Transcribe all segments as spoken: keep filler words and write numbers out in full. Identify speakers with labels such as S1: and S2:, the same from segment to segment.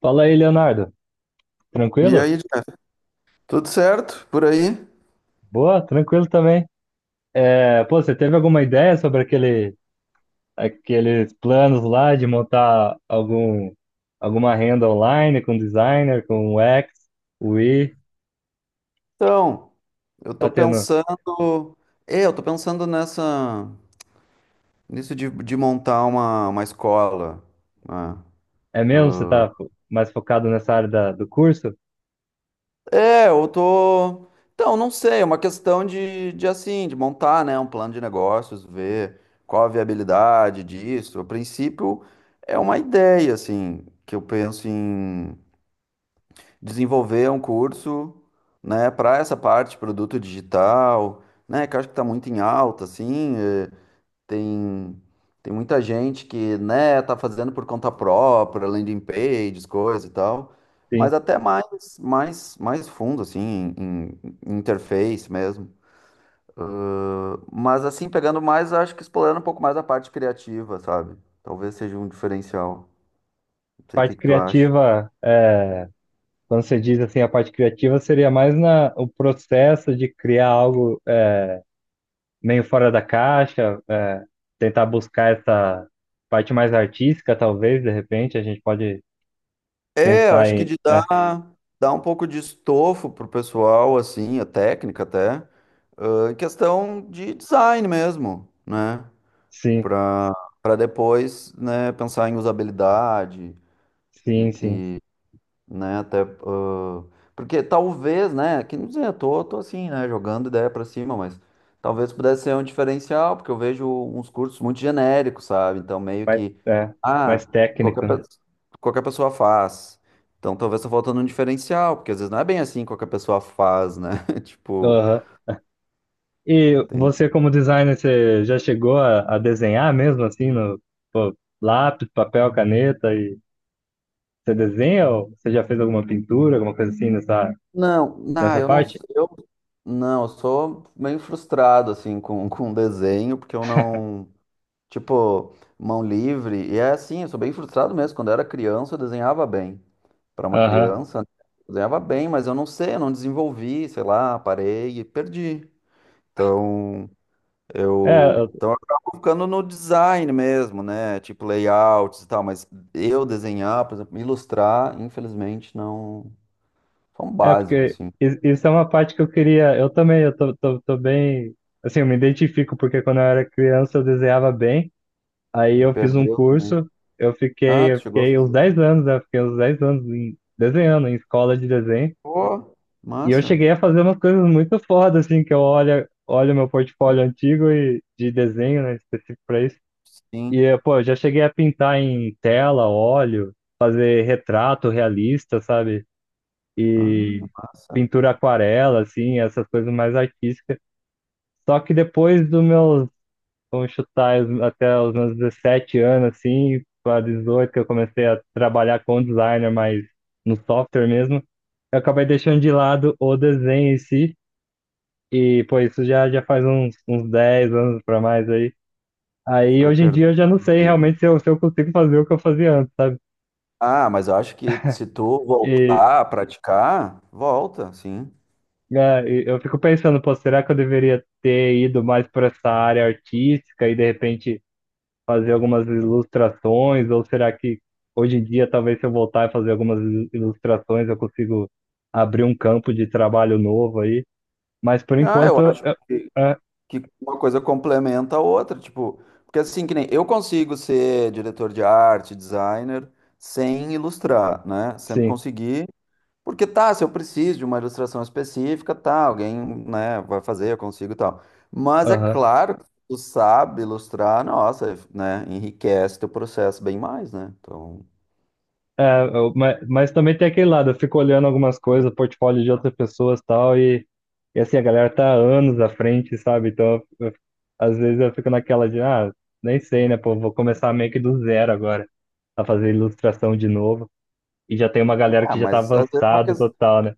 S1: Fala aí, Leonardo.
S2: E
S1: Tranquilo?
S2: aí, Jeff, tudo certo por aí?
S1: Boa, tranquilo também. É, pô, você teve alguma ideia sobre aquele, aqueles planos lá de montar algum, alguma renda online com designer, com U X, U I?
S2: Então, eu tô
S1: Tá tendo?
S2: pensando, é, eu tô pensando nessa, nisso de, de montar uma, uma escola, né?
S1: É mesmo? Você tá fo- mais focado nessa área da- do curso?
S2: É, eu tô, então, não sei, é uma questão de, de assim, de montar, né, um plano de negócios, ver qual a viabilidade disso. A princípio, é uma ideia, assim, que eu penso em desenvolver um curso, né, para essa parte de produto digital, né, que eu acho que está muito em alta, assim, eh, tem tem muita gente que, né, tá fazendo por conta própria, landing pages, coisa e tal,
S1: Sim.
S2: mas até mais mais mais fundo assim, em, em interface mesmo. Mas assim, pegando mais, acho que explorando um pouco mais a parte criativa, sabe? Talvez seja um diferencial. Não sei o que
S1: Parte
S2: que tu acha.
S1: criativa, é, quando você diz assim, a parte criativa seria mais na, o processo de criar algo meio fora da caixa, é, tentar buscar essa parte mais artística, talvez, de repente, a gente pode
S2: É, eu
S1: pensar
S2: acho que
S1: em.
S2: de dar,
S1: É,
S2: dar um pouco de estofo pro pessoal, assim, a técnica até, ah, em questão de design mesmo, né?
S1: sim,
S2: Pra, pra depois, né, pensar em usabilidade
S1: sim, sim.
S2: e né? Até ah, porque talvez, né? Que não sei, eu tô, tô assim, né? Jogando ideia pra cima, mas talvez pudesse ser um diferencial, porque eu vejo uns cursos muito genéricos, sabe? Então meio
S1: Mais,
S2: que
S1: é, Mais
S2: ah, qualquer,
S1: técnico, né?
S2: pe- qualquer pessoa faz. Então talvez tá faltando um diferencial, porque às vezes não é bem assim que qualquer pessoa faz, né? Tipo,
S1: Aham. E
S2: tem
S1: você, como designer, você já chegou a, a desenhar mesmo assim no lápis, papel, caneta? E você desenha ou você já fez alguma pintura, alguma coisa assim nessa,
S2: não, não,
S1: nessa
S2: eu não,
S1: parte?
S2: eu não, eu sou meio frustrado assim com com desenho, porque eu não Tipo, mão livre. E é assim, eu sou bem frustrado mesmo. Quando eu era criança, eu desenhava bem. Para uma
S1: Aham.
S2: criança, né? Eu desenhava bem, mas eu não sei, eu não desenvolvi, sei lá, parei e perdi. Então,
S1: É,
S2: eu, então eu acabo ficando no design mesmo, né? Tipo layouts e tal, mas eu desenhar, por exemplo, ilustrar, infelizmente não, só um
S1: É,
S2: básico
S1: porque
S2: assim.
S1: i- isso é uma parte que eu queria. Eu também, eu tô, tô, tô bem. Assim, eu me identifico, porque quando eu era criança eu desenhava bem. Aí
S2: E
S1: eu fiz um
S2: perdeu também.
S1: curso, eu
S2: Ah,
S1: fiquei, eu
S2: tu chegou a
S1: fiquei uns
S2: fazer.
S1: dez anos, né? Fiquei uns dez anos em- desenhando, em escola de desenho.
S2: Pô,
S1: E eu
S2: massa.
S1: cheguei a fazer umas coisas muito foda, assim, que eu olho, olho meu portfólio antigo e, de desenho, né? Específico pra isso. E,
S2: Sim.
S1: eh, pô, eu já cheguei a pintar em tela, óleo, fazer retrato realista, sabe?
S2: Ah,
S1: E
S2: massa.
S1: pintura aquarela, assim, essas coisas mais artísticas. Só que depois dos meus, vamos chutar, os- até os meus dezessete anos, assim, para dezoito, que eu comecei a trabalhar com designer, mas no software mesmo, eu acabei deixando de lado o desenho em si. E, pô, isso já, já faz uns, uns dez anos para mais aí. Aí,
S2: Foi
S1: hoje em dia, eu já não sei
S2: perdendo.
S1: realmente se eu, se eu consigo fazer o que eu fazia antes, sabe?
S2: Ah, mas eu acho que se tu voltar a praticar, volta, sim.
S1: É, e eu fico pensando, pô, será que eu deveria ter ido mais para essa área artística e de repente fazer algumas ilustrações? Ou será que hoje em dia, talvez se eu voltar e fazer algumas il- ilustrações, eu consigo abrir um campo de trabalho novo aí? Mas por
S2: Ah, eu
S1: enquanto,
S2: acho
S1: eu,
S2: que,
S1: é,
S2: que uma coisa complementa a outra, tipo, porque assim que nem eu consigo ser diretor de arte, designer, sem ilustrar, né? Sempre
S1: sim.
S2: consegui, porque tá, se eu preciso de uma ilustração específica, tá, alguém, né, vai fazer, eu consigo e tal. Mas é claro que tu sabe ilustrar, nossa, né, enriquece teu processo bem mais, né? Então,
S1: Mas, mas também tem aquele lado, eu fico olhando algumas coisas, portfólio de outras pessoas e tal, e, e assim, a galera tá anos à frente, sabe? Então, eu- eu- às vezes eu fico naquela de, ah, nem sei, né, pô, vou começar meio que do zero agora, a fazer ilustração de novo, e já tem uma galera que
S2: ah,
S1: já tá
S2: mas às vezes é uma
S1: avançado
S2: questão
S1: total, né?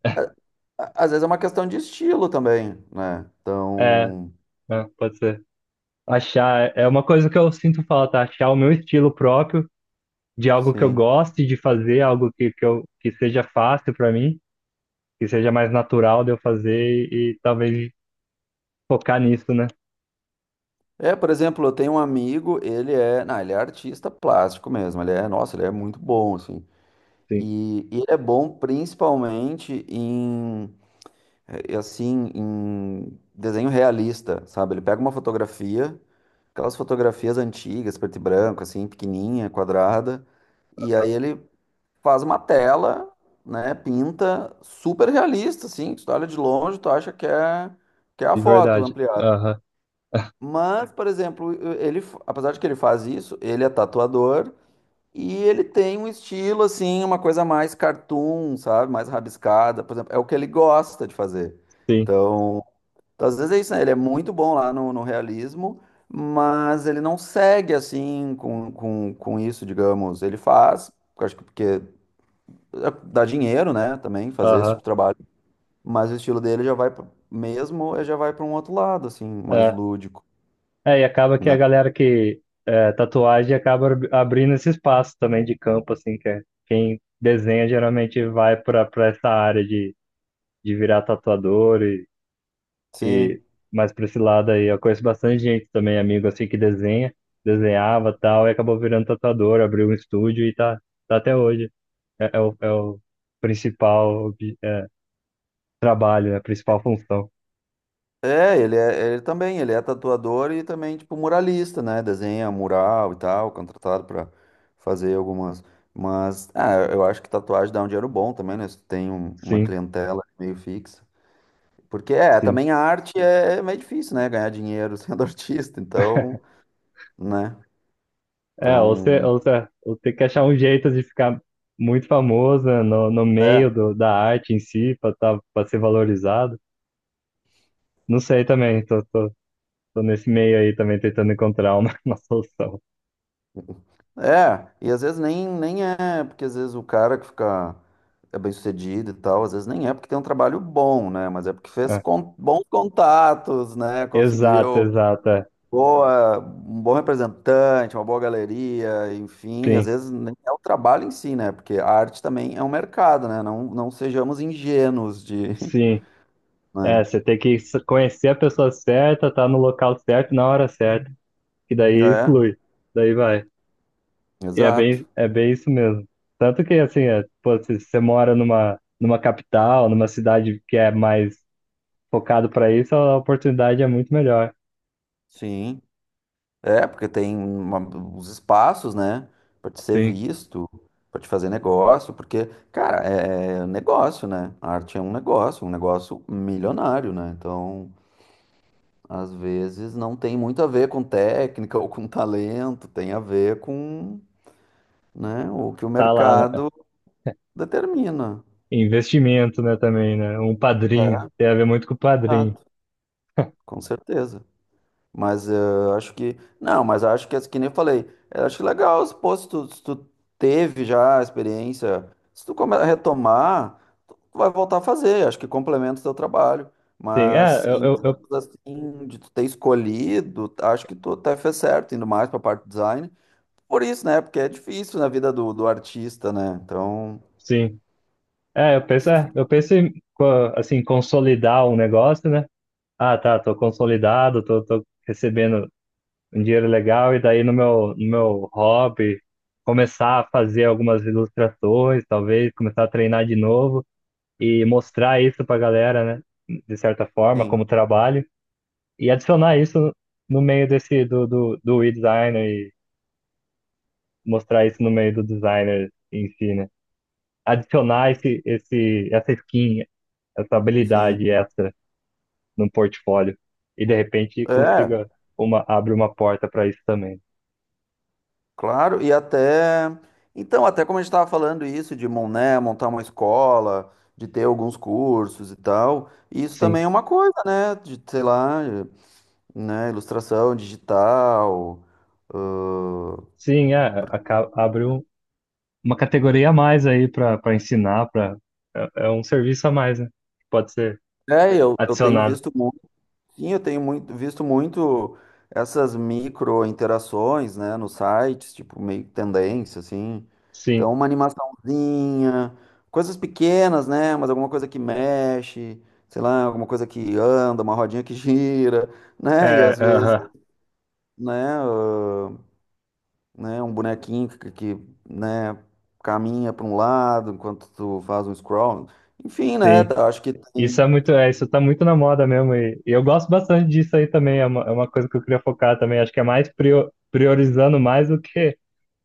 S2: a- às vezes é uma questão de estilo também, né?
S1: É,
S2: Então,
S1: é, pode ser. Achar, é uma coisa que eu sinto falta, achar o meu estilo próprio, de algo que eu
S2: sim.
S1: goste de fazer, algo que, que, eu, que seja fácil pra mim, que seja mais natural de eu fazer e, e talvez focar nisso, né?
S2: É, por exemplo, eu tenho um amigo, ele é, não, ele é artista plástico mesmo, ele é, nossa, ele é muito bom, assim.
S1: Sim,
S2: E, e ele é bom principalmente em, eh, assim, em desenho realista, sabe? Ele pega uma fotografia, aquelas fotografias antigas, preto e branco, assim, pequenininha, quadrada, e aí ele faz uma tela, né, pinta super realista, assim, que tu olha de longe, tu acha que é, que é a
S1: de
S2: foto
S1: verdade.
S2: ampliada.
S1: Aham,
S2: Mas, por exemplo, ele, apesar de que ele faz isso, ele é tatuador e ele tem um estilo, assim, uma coisa mais cartoon, sabe, mais rabiscada, por exemplo, é o que ele gosta de fazer.
S1: sim,
S2: Então, então, às vezes é isso, né, ele é muito bom lá no, no realismo, mas ele não segue, assim, com, com, com isso, digamos, ele faz, eu acho que porque é, dá dinheiro, né, também fazer esse tipo
S1: aham.
S2: de trabalho, mas o estilo dele já vai, pra- mesmo, eh, já vai para um outro lado, assim, mais
S1: É.
S2: lúdico,
S1: É, e acaba que a
S2: né?
S1: galera que é, tatuagem acaba ab- abrindo esse espaço também de campo, assim, que é, quem desenha geralmente vai para para essa área de, de virar tatuador e,
S2: Sim.
S1: e mais para esse lado aí. Eu conheço bastante gente também, amigo, assim, que desenha, desenhava e tal, e acabou virando tatuador, abriu um estúdio e tá, tá até hoje. É, é o, é o principal trabalho, é a principal função.
S2: É, ele é, ele também, ele é tatuador e também, tipo, muralista, né? Desenha mural e tal, contratado para fazer algumas. Mas, ah, eu acho que tatuagem dá um dinheiro bom também, né? Se tu tem um- uma
S1: Sim,
S2: clientela meio fixa. Porque, é,
S1: sim.
S2: também a arte é é meio difícil, né? Ganhar dinheiro sendo artista, então, né?
S1: É, ou você,
S2: Então.
S1: ou você, ou tem que achar um jeito de ficar muito famoso, né, no, no meio
S2: É.
S1: do, da arte em si, para tá, para ser valorizado. Não sei também, tô, tô, tô nesse meio aí também tentando encontrar uma, uma solução.
S2: É, e às vezes nem, nem é, porque às vezes o cara que fica é bem sucedido e tal, às vezes nem é porque tem um trabalho bom, né? Mas é porque fez
S1: É.
S2: con- bons contatos, né?
S1: Exato,
S2: Conseguiu
S1: exato. É.
S2: boa, um bom representante, uma boa galeria, enfim, às
S1: Sim,
S2: vezes nem é o trabalho em si, né? Porque a arte também é um mercado, né? Não, não sejamos ingênuos de,
S1: sim. É,
S2: né?
S1: você tem que s- conhecer a pessoa certa, tá no local certo, na hora certa, que daí
S2: É,
S1: flui, daí vai. E é
S2: exato.
S1: bem, é bem isso mesmo. Tanto que, assim, é, pô, se se você mora numa, numa capital, numa cidade que é mais focado para isso, a oportunidade é muito melhor.
S2: Sim. É, porque tem uma- os espaços, né? Pra te ser
S1: Sim,
S2: visto, pra te fazer negócio, porque, cara, é é negócio, né? A arte é um negócio, um negócio milionário, né? Então, às vezes não tem muito a ver com técnica ou com talento, tem a ver com, né, o que o
S1: tá lá, né?
S2: mercado determina.
S1: Investimento, né, também, né? Um padrinho,
S2: É,
S1: tem a ver muito com o padrinho.
S2: exato, com certeza. Mas eh, eu acho que. Não, mas acho que, que nem eu falei, eu acho legal, se, pô, se tu, se tu teve já a experiência, se tu come- retomar, tu vai voltar a fazer, acho que complementa o teu trabalho.
S1: Sim, é,
S2: Mas
S1: eu,
S2: em
S1: eu, eu-
S2: termos assim, de tu ter escolhido, acho que tu até fez certo, indo mais pra parte do design. Por isso, né? Porque é difícil na vida do, do artista, né? Então,
S1: sim. É, eu penso, é, eu penso em, co- assim, consolidar um negócio, né? Ah, tá, tô consolidado, tô, tô recebendo um dinheiro legal e daí no meu, no meu hobby começar a fazer algumas ilustrações, talvez começar a treinar de novo e mostrar isso pra galera, né? De certa forma,
S2: sim,
S1: como trabalho e adicionar isso no meio desse do, do, do e-designer e mostrar isso no meio do designer em si, né? Adicionar esse, esse, essa skin, essa
S2: sim.
S1: habilidade extra no portfólio e de repente
S2: É,
S1: consiga uma, abre uma porta para isso também.
S2: claro, e até. Então, até como a gente estava falando isso, de mon- né, montar uma escola, de ter alguns cursos e tal, isso também
S1: Sim.
S2: é uma coisa, né? De, sei lá, né, ilustração digital. ãh,
S1: Sim, é, aca- abre um- uma categoria a mais aí para para ensinar, para é, é um serviço a mais, né? Que pode ser
S2: É, eu, eu tenho
S1: adicionado.
S2: visto sim, eu tenho muito, visto muito essas micro interações, né, nos sites, tipo meio que tendência, assim. Então,
S1: Sim,
S2: uma animaçãozinha, coisas pequenas, né, mas alguma coisa que mexe, sei lá, alguma coisa que anda, uma rodinha que gira, né, e
S1: é,
S2: às vezes,
S1: aham,
S2: né, ah, né, um bonequinho que, que, né, caminha para um lado enquanto tu faz um scroll. Enfim, né,
S1: sim.
S2: tá, acho que tem.
S1: Isso é muito, é, isso tá muito na moda mesmo e, e eu gosto bastante disso aí também. É uma, é uma coisa que eu queria focar também. Acho que é mais prio- priorizando mais do que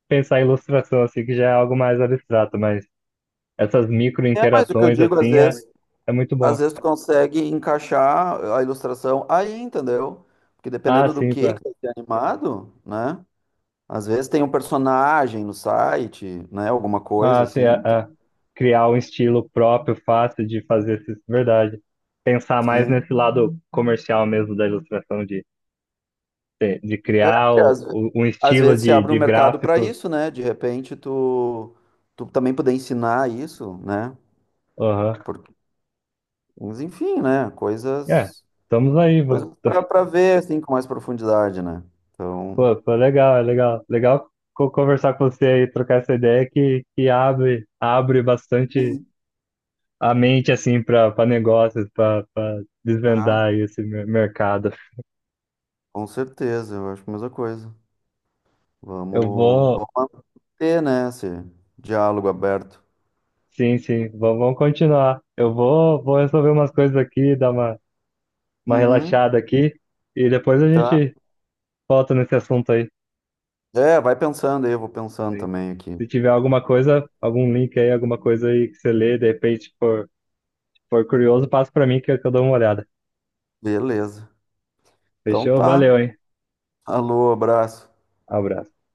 S1: pensar em ilustração, assim, que já é algo mais abstrato, mas essas micro
S2: É, mas o que eu
S1: interações
S2: digo às
S1: assim é,
S2: vezes.
S1: é muito
S2: Às
S1: bom.
S2: vezes tu consegue encaixar a ilustração aí, entendeu? Porque
S1: Ah,
S2: dependendo do
S1: sim.
S2: que que vai ser animado, né? Às vezes tem um personagem no site, né? Alguma coisa
S1: Ah, sim,
S2: assim.
S1: a, a criar um estilo próprio, fácil de fazer isso, verdade. Pensar mais
S2: Sim.
S1: nesse lado comercial mesmo da ilustração, de, de, de
S2: É,
S1: criar
S2: porque
S1: o,
S2: às, ve-
S1: o- um
S2: às
S1: estilo
S2: vezes se
S1: de,
S2: abre um
S1: de
S2: mercado para
S1: gráfico.
S2: isso, né? De repente tu, tu também poder ensinar isso, né?
S1: Aham.
S2: Porque, mas enfim, né?
S1: É,
S2: Coisas,
S1: estamos aí, vô.
S2: coisas para ver assim com mais profundidade, né? Então,
S1: pô, pô, legal, é legal. Legal co- conversar com você aí, trocar essa ideia que, que abre, abre bastante
S2: sim.
S1: a mente, assim, para negócios, para
S2: Tá,
S1: desvendar esse mer- mercado.
S2: com certeza, eu acho a mesma coisa.
S1: Eu
S2: Vamos,
S1: vou.
S2: vamos manter, né, esse diálogo aberto.
S1: Sim, sim, vamos, vamos continuar. Eu vou, vou resolver umas coisas aqui, dar uma, uma
S2: Uhum,
S1: relaxada aqui e depois a
S2: tá.
S1: gente volta nesse assunto aí.
S2: É, vai pensando aí, eu vou pensando
S1: Se,
S2: também aqui.
S1: se tiver alguma coisa, algum link aí, alguma coisa aí que você lê, de repente for, for curioso, passa para mim que eu que eu dou uma olhada.
S2: Beleza. Então
S1: Fechou?
S2: tá.
S1: Valeu, hein?
S2: Alô, abraço.
S1: Abraço.